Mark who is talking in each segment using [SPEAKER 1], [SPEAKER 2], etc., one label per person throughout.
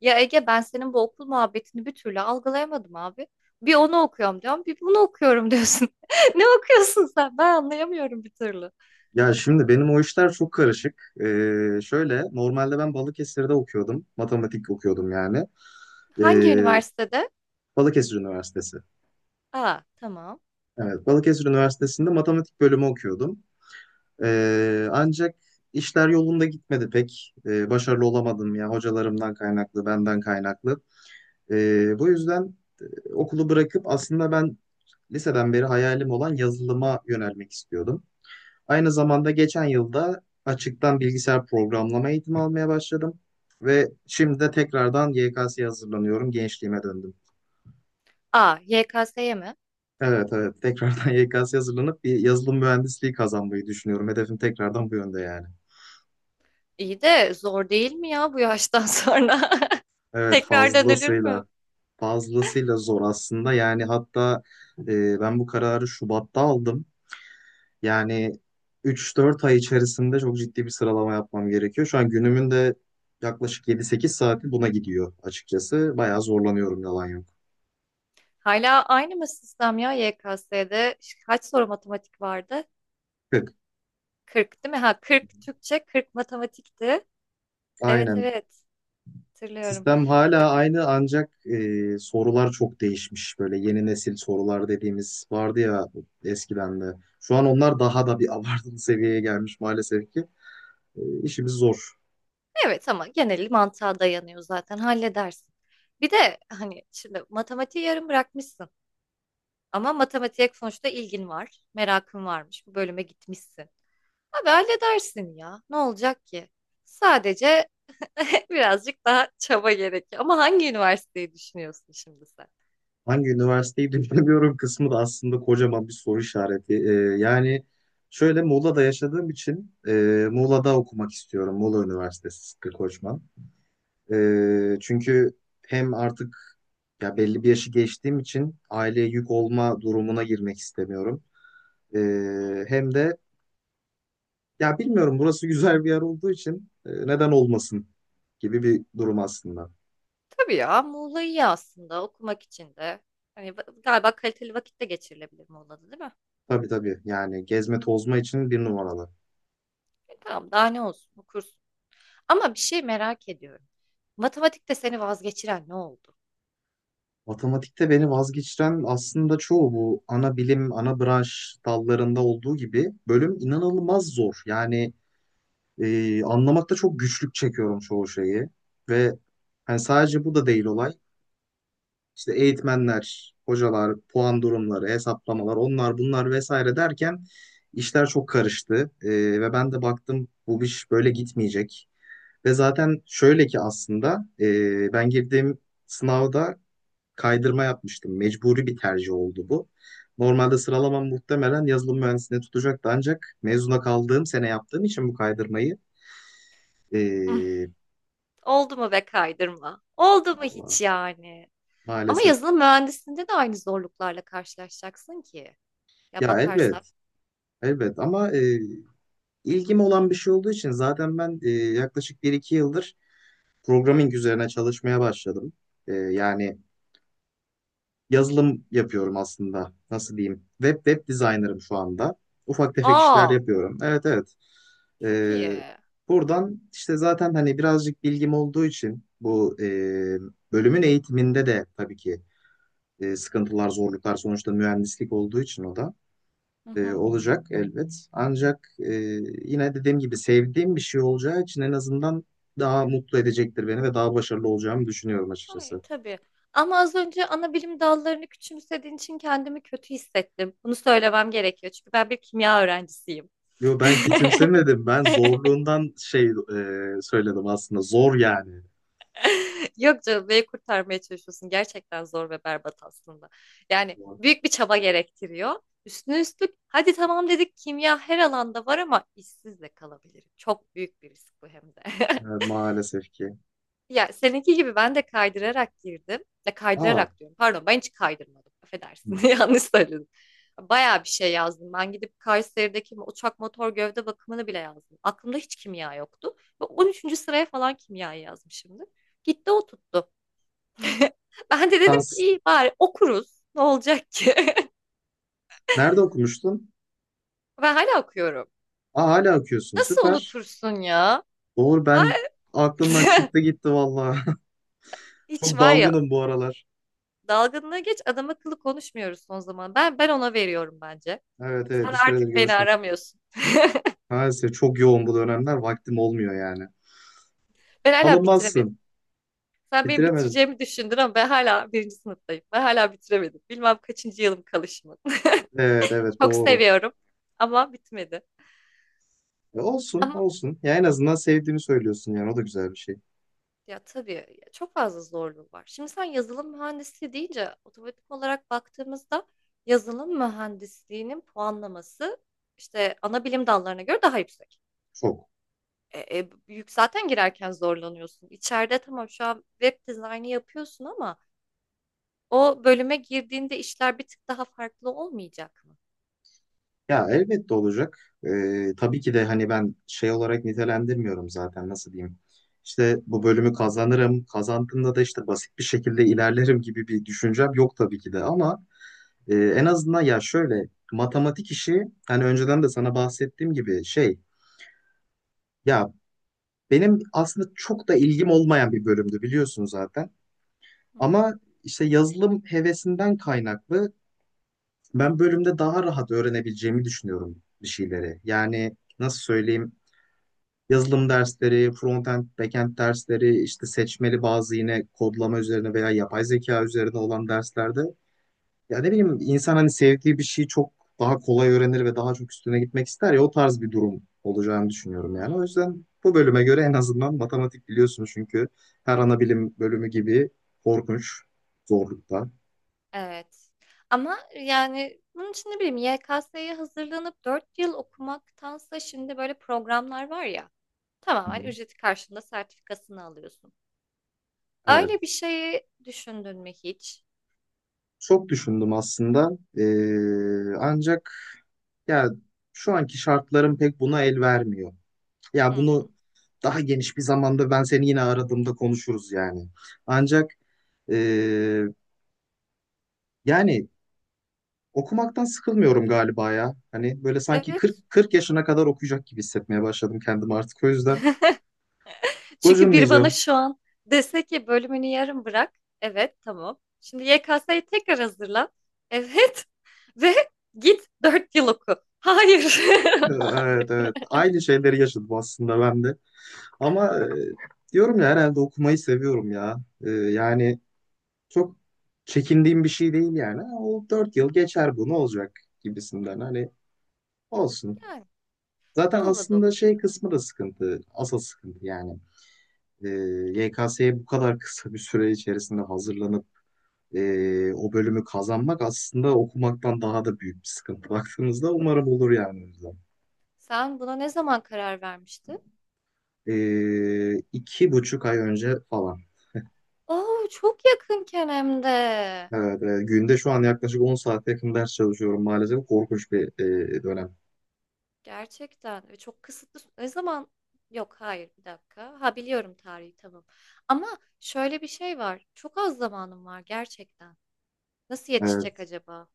[SPEAKER 1] Ya Ege ben senin bu okul muhabbetini bir türlü algılayamadım abi. Bir onu okuyorum diyorum, bir bunu okuyorum diyorsun. Ne okuyorsun sen? Ben anlayamıyorum bir türlü.
[SPEAKER 2] Ya şimdi benim o işler çok karışık. Şöyle normalde ben Balıkesir'de okuyordum. Matematik okuyordum yani.
[SPEAKER 1] Hangi
[SPEAKER 2] Ee,
[SPEAKER 1] üniversitede?
[SPEAKER 2] Balıkesir Üniversitesi.
[SPEAKER 1] Aa, tamam.
[SPEAKER 2] Evet, Balıkesir Üniversitesi'nde matematik bölümü okuyordum. Ancak işler yolunda gitmedi pek. Başarılı olamadım ya, hocalarımdan kaynaklı, benden kaynaklı. Bu yüzden okulu bırakıp aslında ben liseden beri hayalim olan yazılıma yönelmek istiyordum. Aynı zamanda geçen yılda açıktan bilgisayar programlama eğitimi almaya başladım ve şimdi de tekrardan YKS'ye hazırlanıyorum. Gençliğime döndüm.
[SPEAKER 1] Aa, YKS'ye mi?
[SPEAKER 2] Evet, evet, tekrardan YKS'ye hazırlanıp bir yazılım mühendisliği kazanmayı düşünüyorum. Hedefim tekrardan bu yönde yani.
[SPEAKER 1] İyi de zor değil mi ya bu yaştan sonra?
[SPEAKER 2] Evet,
[SPEAKER 1] Tekrar dönülür mü?
[SPEAKER 2] fazlasıyla fazlasıyla zor aslında. Yani hatta ben bu kararı Şubat'ta aldım. Yani 3-4 ay içerisinde çok ciddi bir sıralama yapmam gerekiyor. Şu an günümün de yaklaşık 7-8 saati buna gidiyor açıkçası. Bayağı zorlanıyorum, yalan yok.
[SPEAKER 1] Hala aynı mı sistem ya YKS'de? Kaç soru matematik vardı?
[SPEAKER 2] 40.
[SPEAKER 1] 40 değil mi? Ha, 40 Türkçe, 40 matematikti. Evet
[SPEAKER 2] Aynen.
[SPEAKER 1] evet hatırlıyorum.
[SPEAKER 2] Sistem hala aynı, ancak sorular çok değişmiş. Böyle yeni nesil sorular dediğimiz vardı ya eskiden de. Şu an onlar daha da bir abartılı seviyeye gelmiş maalesef ki. İşimiz zor.
[SPEAKER 1] Evet, ama geneli mantığa dayanıyor zaten halledersin. Bir de hani şimdi matematiği yarım bırakmışsın ama matematiğe sonuçta ilgin var, merakın varmış, bu bölüme gitmişsin. Abi halledersin ya, ne olacak ki? Sadece birazcık daha çaba gerekiyor, ama hangi üniversiteyi düşünüyorsun şimdi sen?
[SPEAKER 2] Hangi üniversiteyi düşünemiyorum kısmı da aslında kocaman bir soru işareti. Yani şöyle Muğla'da yaşadığım için Muğla'da okumak istiyorum. Muğla Üniversitesi Sıtkı Koçman. Çünkü hem artık ya belli bir yaşı geçtiğim için aileye yük olma durumuna girmek istemiyorum.
[SPEAKER 1] Hmm.
[SPEAKER 2] Hem de ya bilmiyorum, burası güzel bir yer olduğu için neden olmasın gibi bir durum aslında.
[SPEAKER 1] Tabii ya, Muğla iyi aslında okumak için de. Hani galiba kaliteli vakit de geçirilebilir Muğla'da değil mi?
[SPEAKER 2] Tabii, tabii, yani gezme tozma için bir numaralı.
[SPEAKER 1] E, tamam, daha ne olsun, okursun. Ama bir şey merak ediyorum. Matematikte seni vazgeçiren ne oldu?
[SPEAKER 2] Matematikte beni vazgeçiren aslında çoğu bu ana bilim, ana branş dallarında olduğu gibi, bölüm inanılmaz zor. Yani anlamakta çok güçlük çekiyorum çoğu şeyi. Ve hani sadece bu da değil olay. İşte eğitmenler, hocalar, puan durumları, hesaplamalar, onlar bunlar vesaire derken işler çok karıştı. Ve ben de baktım bu iş böyle gitmeyecek. Ve zaten şöyle ki aslında ben girdiğim sınavda kaydırma yapmıştım. Mecburi bir tercih oldu bu. Normalde sıralamam muhtemelen yazılım mühendisliğine tutacaktı, ancak mezuna kaldığım sene yaptığım için bu kaydırmayı
[SPEAKER 1] Üf,
[SPEAKER 2] eee,
[SPEAKER 1] oldu mu be kaydırma? Oldu mu
[SPEAKER 2] vallahi
[SPEAKER 1] hiç yani? Ama
[SPEAKER 2] maalesef.
[SPEAKER 1] yazılım mühendisliğinde de aynı zorluklarla karşılaşacaksın ki. Ya
[SPEAKER 2] Ya
[SPEAKER 1] bakarsak.
[SPEAKER 2] elbet, elbet, ama ilgim olan bir şey olduğu için zaten ben yaklaşık bir iki yıldır programming üzerine çalışmaya başladım. Yani yazılım yapıyorum aslında. Nasıl diyeyim? Web designer'ım şu anda. Ufak tefek işler
[SPEAKER 1] Aa,
[SPEAKER 2] yapıyorum. Evet, evet.
[SPEAKER 1] çok iyi.
[SPEAKER 2] Ee, Buradan işte zaten hani birazcık bilgim olduğu için bu bölümün eğitiminde de tabii ki sıkıntılar, zorluklar, sonuçta mühendislik olduğu için o da
[SPEAKER 1] Hı hı.
[SPEAKER 2] olacak elbet. Ancak yine dediğim gibi sevdiğim bir şey olacağı için en azından daha mutlu edecektir beni ve daha başarılı olacağımı düşünüyorum
[SPEAKER 1] Hayır,
[SPEAKER 2] açıkçası.
[SPEAKER 1] tabii. Ama az önce ana bilim dallarını küçümsediğin için kendimi kötü hissettim. Bunu söylemem gerekiyor çünkü ben bir kimya öğrencisiyim.
[SPEAKER 2] Yo, ben küçümsemedim. Ben zorluğundan şey söyledim aslında. Zor yani.
[SPEAKER 1] Yok canım, neyi kurtarmaya çalışıyorsun? Gerçekten zor ve berbat aslında. Yani
[SPEAKER 2] Zor.
[SPEAKER 1] büyük bir çaba gerektiriyor. Üstüne üstlük hadi tamam dedik kimya her alanda var ama işsiz de kalabilirim. Çok büyük bir risk bu hem de.
[SPEAKER 2] Evet, maalesef ki.
[SPEAKER 1] Ya seninki gibi ben de kaydırarak girdim. Ya
[SPEAKER 2] Aa,
[SPEAKER 1] kaydırarak diyorum. Pardon, ben hiç kaydırmadım.
[SPEAKER 2] hı.
[SPEAKER 1] Affedersin. Yanlış söyledim. Bayağı bir şey yazdım. Ben gidip Kayseri'deki uçak motor gövde bakımını bile yazdım. Aklımda hiç kimya yoktu. Ve 13. sıraya falan kimyayı yazmışımdır. Gitti o tuttu. Ben de dedim ki
[SPEAKER 2] Şans.
[SPEAKER 1] iyi bari okuruz. Ne olacak ki?
[SPEAKER 2] Nerede okumuştun?
[SPEAKER 1] Ben hala okuyorum.
[SPEAKER 2] Aa, hala okuyorsun.
[SPEAKER 1] Nasıl
[SPEAKER 2] Süper.
[SPEAKER 1] unutursun ya?
[SPEAKER 2] Doğru,
[SPEAKER 1] Ha?
[SPEAKER 2] ben aklımdan çıktı gitti valla.
[SPEAKER 1] Hiç
[SPEAKER 2] Çok
[SPEAKER 1] var ya,
[SPEAKER 2] dalgınım bu aralar.
[SPEAKER 1] dalgınlığı geç, adam akıllı konuşmuyoruz son zaman. Ben ona veriyorum bence.
[SPEAKER 2] Evet, evet,
[SPEAKER 1] Sen
[SPEAKER 2] bir süredir
[SPEAKER 1] artık beni
[SPEAKER 2] görüşemiyorum.
[SPEAKER 1] aramıyorsun.
[SPEAKER 2] Maalesef çok yoğun bu dönemler. Vaktim olmuyor yani.
[SPEAKER 1] Ben hala bitiremedim.
[SPEAKER 2] Alınmazsın.
[SPEAKER 1] Sen benim
[SPEAKER 2] Bitiremedim.
[SPEAKER 1] bitireceğimi düşündün ama ben hala birinci sınıftayım. Ben hala bitiremedim. Bilmem kaçıncı yılım kalışımın.
[SPEAKER 2] Evet, evet,
[SPEAKER 1] Çok
[SPEAKER 2] doğru.
[SPEAKER 1] seviyorum ama bitmedi.
[SPEAKER 2] Olsun,
[SPEAKER 1] Ama
[SPEAKER 2] olsun. Ya en azından sevdiğini söylüyorsun yani, o da güzel bir şey.
[SPEAKER 1] Ya tabii ya, çok fazla zorluğu var. Şimdi sen yazılım mühendisliği deyince otomatik olarak baktığımızda yazılım mühendisliğinin puanlaması işte ana bilim dallarına göre daha yüksek.
[SPEAKER 2] Çok.
[SPEAKER 1] Büyük zaten girerken zorlanıyorsun. İçeride tamam şu an web dizaynı yapıyorsun ama o bölüme girdiğinde işler bir tık daha farklı olmayacak mı?
[SPEAKER 2] Ya elbette olacak. Tabii ki de hani ben şey olarak nitelendirmiyorum zaten, nasıl diyeyim. İşte bu bölümü kazanırım, kazandığımda da işte basit bir şekilde ilerlerim gibi bir düşüncem yok tabii ki de, ama en azından ya şöyle matematik işi hani önceden de sana bahsettiğim gibi şey, ya benim aslında çok da ilgim olmayan bir bölümdü biliyorsun zaten,
[SPEAKER 1] Hı hı.
[SPEAKER 2] ama işte yazılım hevesinden kaynaklı ben bölümde daha rahat öğrenebileceğimi düşünüyorum bir şeyleri. Yani nasıl söyleyeyim, yazılım dersleri, frontend, backend dersleri, işte seçmeli bazı yine kodlama üzerine veya yapay zeka üzerine olan derslerde ya ne bileyim insan hani sevdiği bir şeyi çok daha kolay öğrenir ve daha çok üstüne gitmek ister ya, o tarz bir durum olacağını düşünüyorum yani. O
[SPEAKER 1] Hmm,
[SPEAKER 2] yüzden bu bölüme göre en azından matematik biliyorsunuz çünkü, her ana bilim bölümü gibi korkunç zorlukta.
[SPEAKER 1] evet. Ama yani bunun için ne bileyim YKS'ye hazırlanıp 4 yıl okumaktansa şimdi böyle programlar var ya,
[SPEAKER 2] Hı
[SPEAKER 1] tamamen
[SPEAKER 2] hı.
[SPEAKER 1] ücreti karşılığında sertifikasını alıyorsun. Öyle
[SPEAKER 2] Evet.
[SPEAKER 1] bir şeyi düşündün mü hiç?
[SPEAKER 2] Çok düşündüm aslında. Ancak ya şu anki şartlarım pek buna el vermiyor. Ya
[SPEAKER 1] Hmm,
[SPEAKER 2] bunu daha geniş bir zamanda ben seni yine aradığımda konuşuruz yani. Ancak eee, yani okumaktan sıkılmıyorum galiba ya. Hani böyle sanki
[SPEAKER 1] evet.
[SPEAKER 2] 40 yaşına kadar okuyacak gibi hissetmeye başladım kendimi artık. O yüzden
[SPEAKER 1] Çünkü bir bana
[SPEAKER 2] gocunmayacağım.
[SPEAKER 1] şu an dese ki bölümünü yarım bırak. Evet, tamam. Şimdi YKS'ye tekrar hazırlan. Evet. Ve git 4 yıl oku. Hayır.
[SPEAKER 2] Evet,
[SPEAKER 1] Hayır.
[SPEAKER 2] evet. Aynı şeyleri yaşadım aslında ben de. Ama diyorum ya herhalde okumayı seviyorum ya. Yani çok çekindiğim bir şey değil yani. O 4 yıl geçer, bu ne olacak gibisinden. Hani olsun.
[SPEAKER 1] Yani
[SPEAKER 2] Zaten
[SPEAKER 1] Muğla'da
[SPEAKER 2] aslında şey
[SPEAKER 1] okuyacağım.
[SPEAKER 2] kısmı da sıkıntı. Asıl sıkıntı yani. Ee, YKS'ye bu kadar kısa bir süre içerisinde hazırlanıp o bölümü kazanmak aslında okumaktan daha da büyük bir sıkıntı. Baktığımızda umarım olur yani. O yüzden.
[SPEAKER 1] Sen buna ne zaman karar vermiştin?
[SPEAKER 2] 2,5 ay önce falan.
[SPEAKER 1] Oo, çok yakınken hem de.
[SPEAKER 2] Evet, günde şu an yaklaşık 10 saate yakın ders çalışıyorum maalesef. Korkunç bir dönem.
[SPEAKER 1] Gerçekten ve çok kısıtlı. Ne zaman? Yok, hayır, bir dakika. Ha biliyorum tarihi, tamam. Ama şöyle bir şey var. Çok az zamanım var gerçekten. Nasıl yetişecek
[SPEAKER 2] Evet.
[SPEAKER 1] acaba?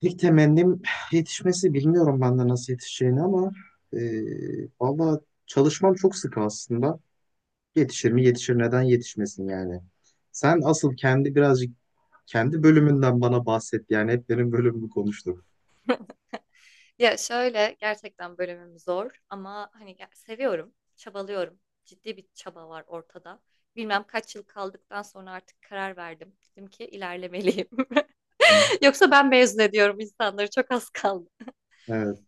[SPEAKER 2] İlk temennim yetişmesi, bilmiyorum ben de nasıl yetişeceğini, ama e, valla çalışmam çok sık aslında. Yetişir mi? Yetişir. Neden yetişmesin yani? Sen asıl kendi birazcık kendi bölümünden bana bahset. Yani hep benim bölümümü konuştuk.
[SPEAKER 1] Ya şöyle gerçekten bölümüm zor ama hani seviyorum, çabalıyorum. Ciddi bir çaba var ortada. Bilmem kaç yıl kaldıktan sonra artık karar verdim. Dedim ki ilerlemeliyim.
[SPEAKER 2] Hı.
[SPEAKER 1] Yoksa ben mezun ediyorum, insanları çok az kaldı.
[SPEAKER 2] Evet.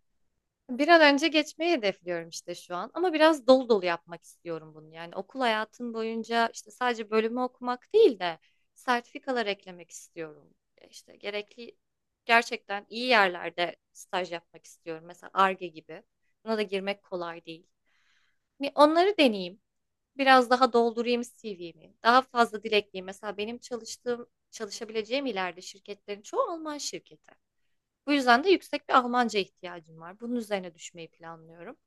[SPEAKER 1] Bir an önce geçmeyi hedefliyorum işte şu an. Ama biraz dolu dolu yapmak istiyorum bunu. Yani okul hayatım boyunca işte sadece bölümü okumak değil de sertifikalar eklemek istiyorum. İşte gerekli, gerçekten iyi yerlerde staj yapmak istiyorum. Mesela Ar-Ge gibi. Buna da girmek kolay değil. Bir onları deneyeyim. Biraz daha doldurayım CV'mi. Daha fazla dilekliyim. Mesela benim çalıştığım, çalışabileceğim ileride şirketlerin çoğu Alman şirketi. Bu yüzden de yüksek bir Almanca ihtiyacım var. Bunun üzerine düşmeyi planlıyorum.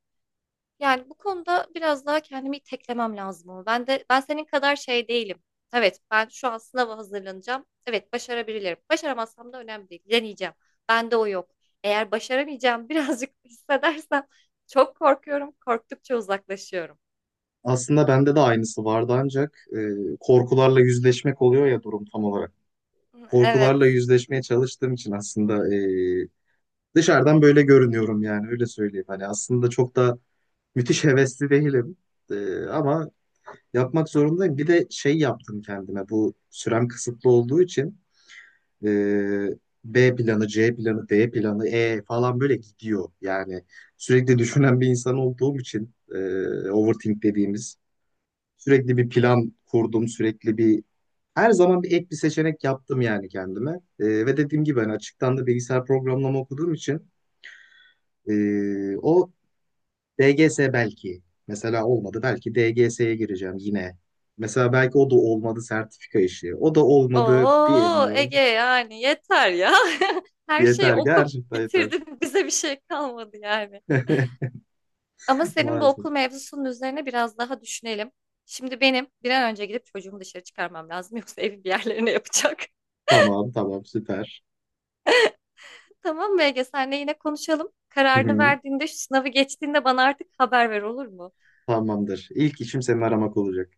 [SPEAKER 1] Yani bu konuda biraz daha kendimi iteklemem lazım ama ben senin kadar şey değilim. Evet, ben şu an sınava hazırlanacağım. Evet, başarabilirim. Başaramazsam da önemli değil. Deneyeceğim. Bende o yok. Eğer başaramayacağım birazcık hissedersem çok korkuyorum. Korktukça uzaklaşıyorum.
[SPEAKER 2] Aslında bende de aynısı vardı, ancak korkularla yüzleşmek oluyor ya durum tam olarak. Korkularla
[SPEAKER 1] Evet.
[SPEAKER 2] yüzleşmeye çalıştığım için aslında dışarıdan böyle görünüyorum yani, öyle söyleyeyim. Hani aslında çok da müthiş hevesli değilim. Ama yapmak zorundayım. Bir de şey yaptım kendime, bu sürem kısıtlı olduğu için. Ee, B planı, C planı, D planı, E falan böyle gidiyor. Yani sürekli düşünen bir insan olduğum için overthink dediğimiz, sürekli bir plan kurdum, sürekli bir her zaman bir ek bir seçenek yaptım yani kendime. Ve dediğim gibi ben açıktan da bilgisayar programlama okuduğum için o DGS belki mesela olmadı. Belki DGS'ye gireceğim yine. Mesela belki o da olmadı sertifika işi. O da olmadı,
[SPEAKER 1] Oo
[SPEAKER 2] bilmiyorum.
[SPEAKER 1] Ege, yani yeter ya. Her şeyi
[SPEAKER 2] Yeter,
[SPEAKER 1] oku
[SPEAKER 2] gerçekten yeter.
[SPEAKER 1] bitirdin. Bize bir şey kalmadı yani. Ama senin bu
[SPEAKER 2] Maalesef.
[SPEAKER 1] okul mevzusunun üzerine biraz daha düşünelim. Şimdi benim bir an önce gidip çocuğumu dışarı çıkarmam lazım. Yoksa evi bir yerlerine yapacak.
[SPEAKER 2] Tamam, tamam, süper.
[SPEAKER 1] Tamam mı Ege? Senle yine konuşalım.
[SPEAKER 2] Hı
[SPEAKER 1] Kararını
[SPEAKER 2] hı,
[SPEAKER 1] verdiğinde, şu sınavı geçtiğinde bana artık haber ver, olur mu?
[SPEAKER 2] tamamdır. İlk işim seni aramak olacak.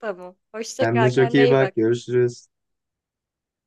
[SPEAKER 1] Tamam. Hoşça
[SPEAKER 2] Kendine
[SPEAKER 1] kal.
[SPEAKER 2] çok
[SPEAKER 1] Kendine
[SPEAKER 2] iyi
[SPEAKER 1] iyi
[SPEAKER 2] bak.
[SPEAKER 1] bak.
[SPEAKER 2] Görüşürüz.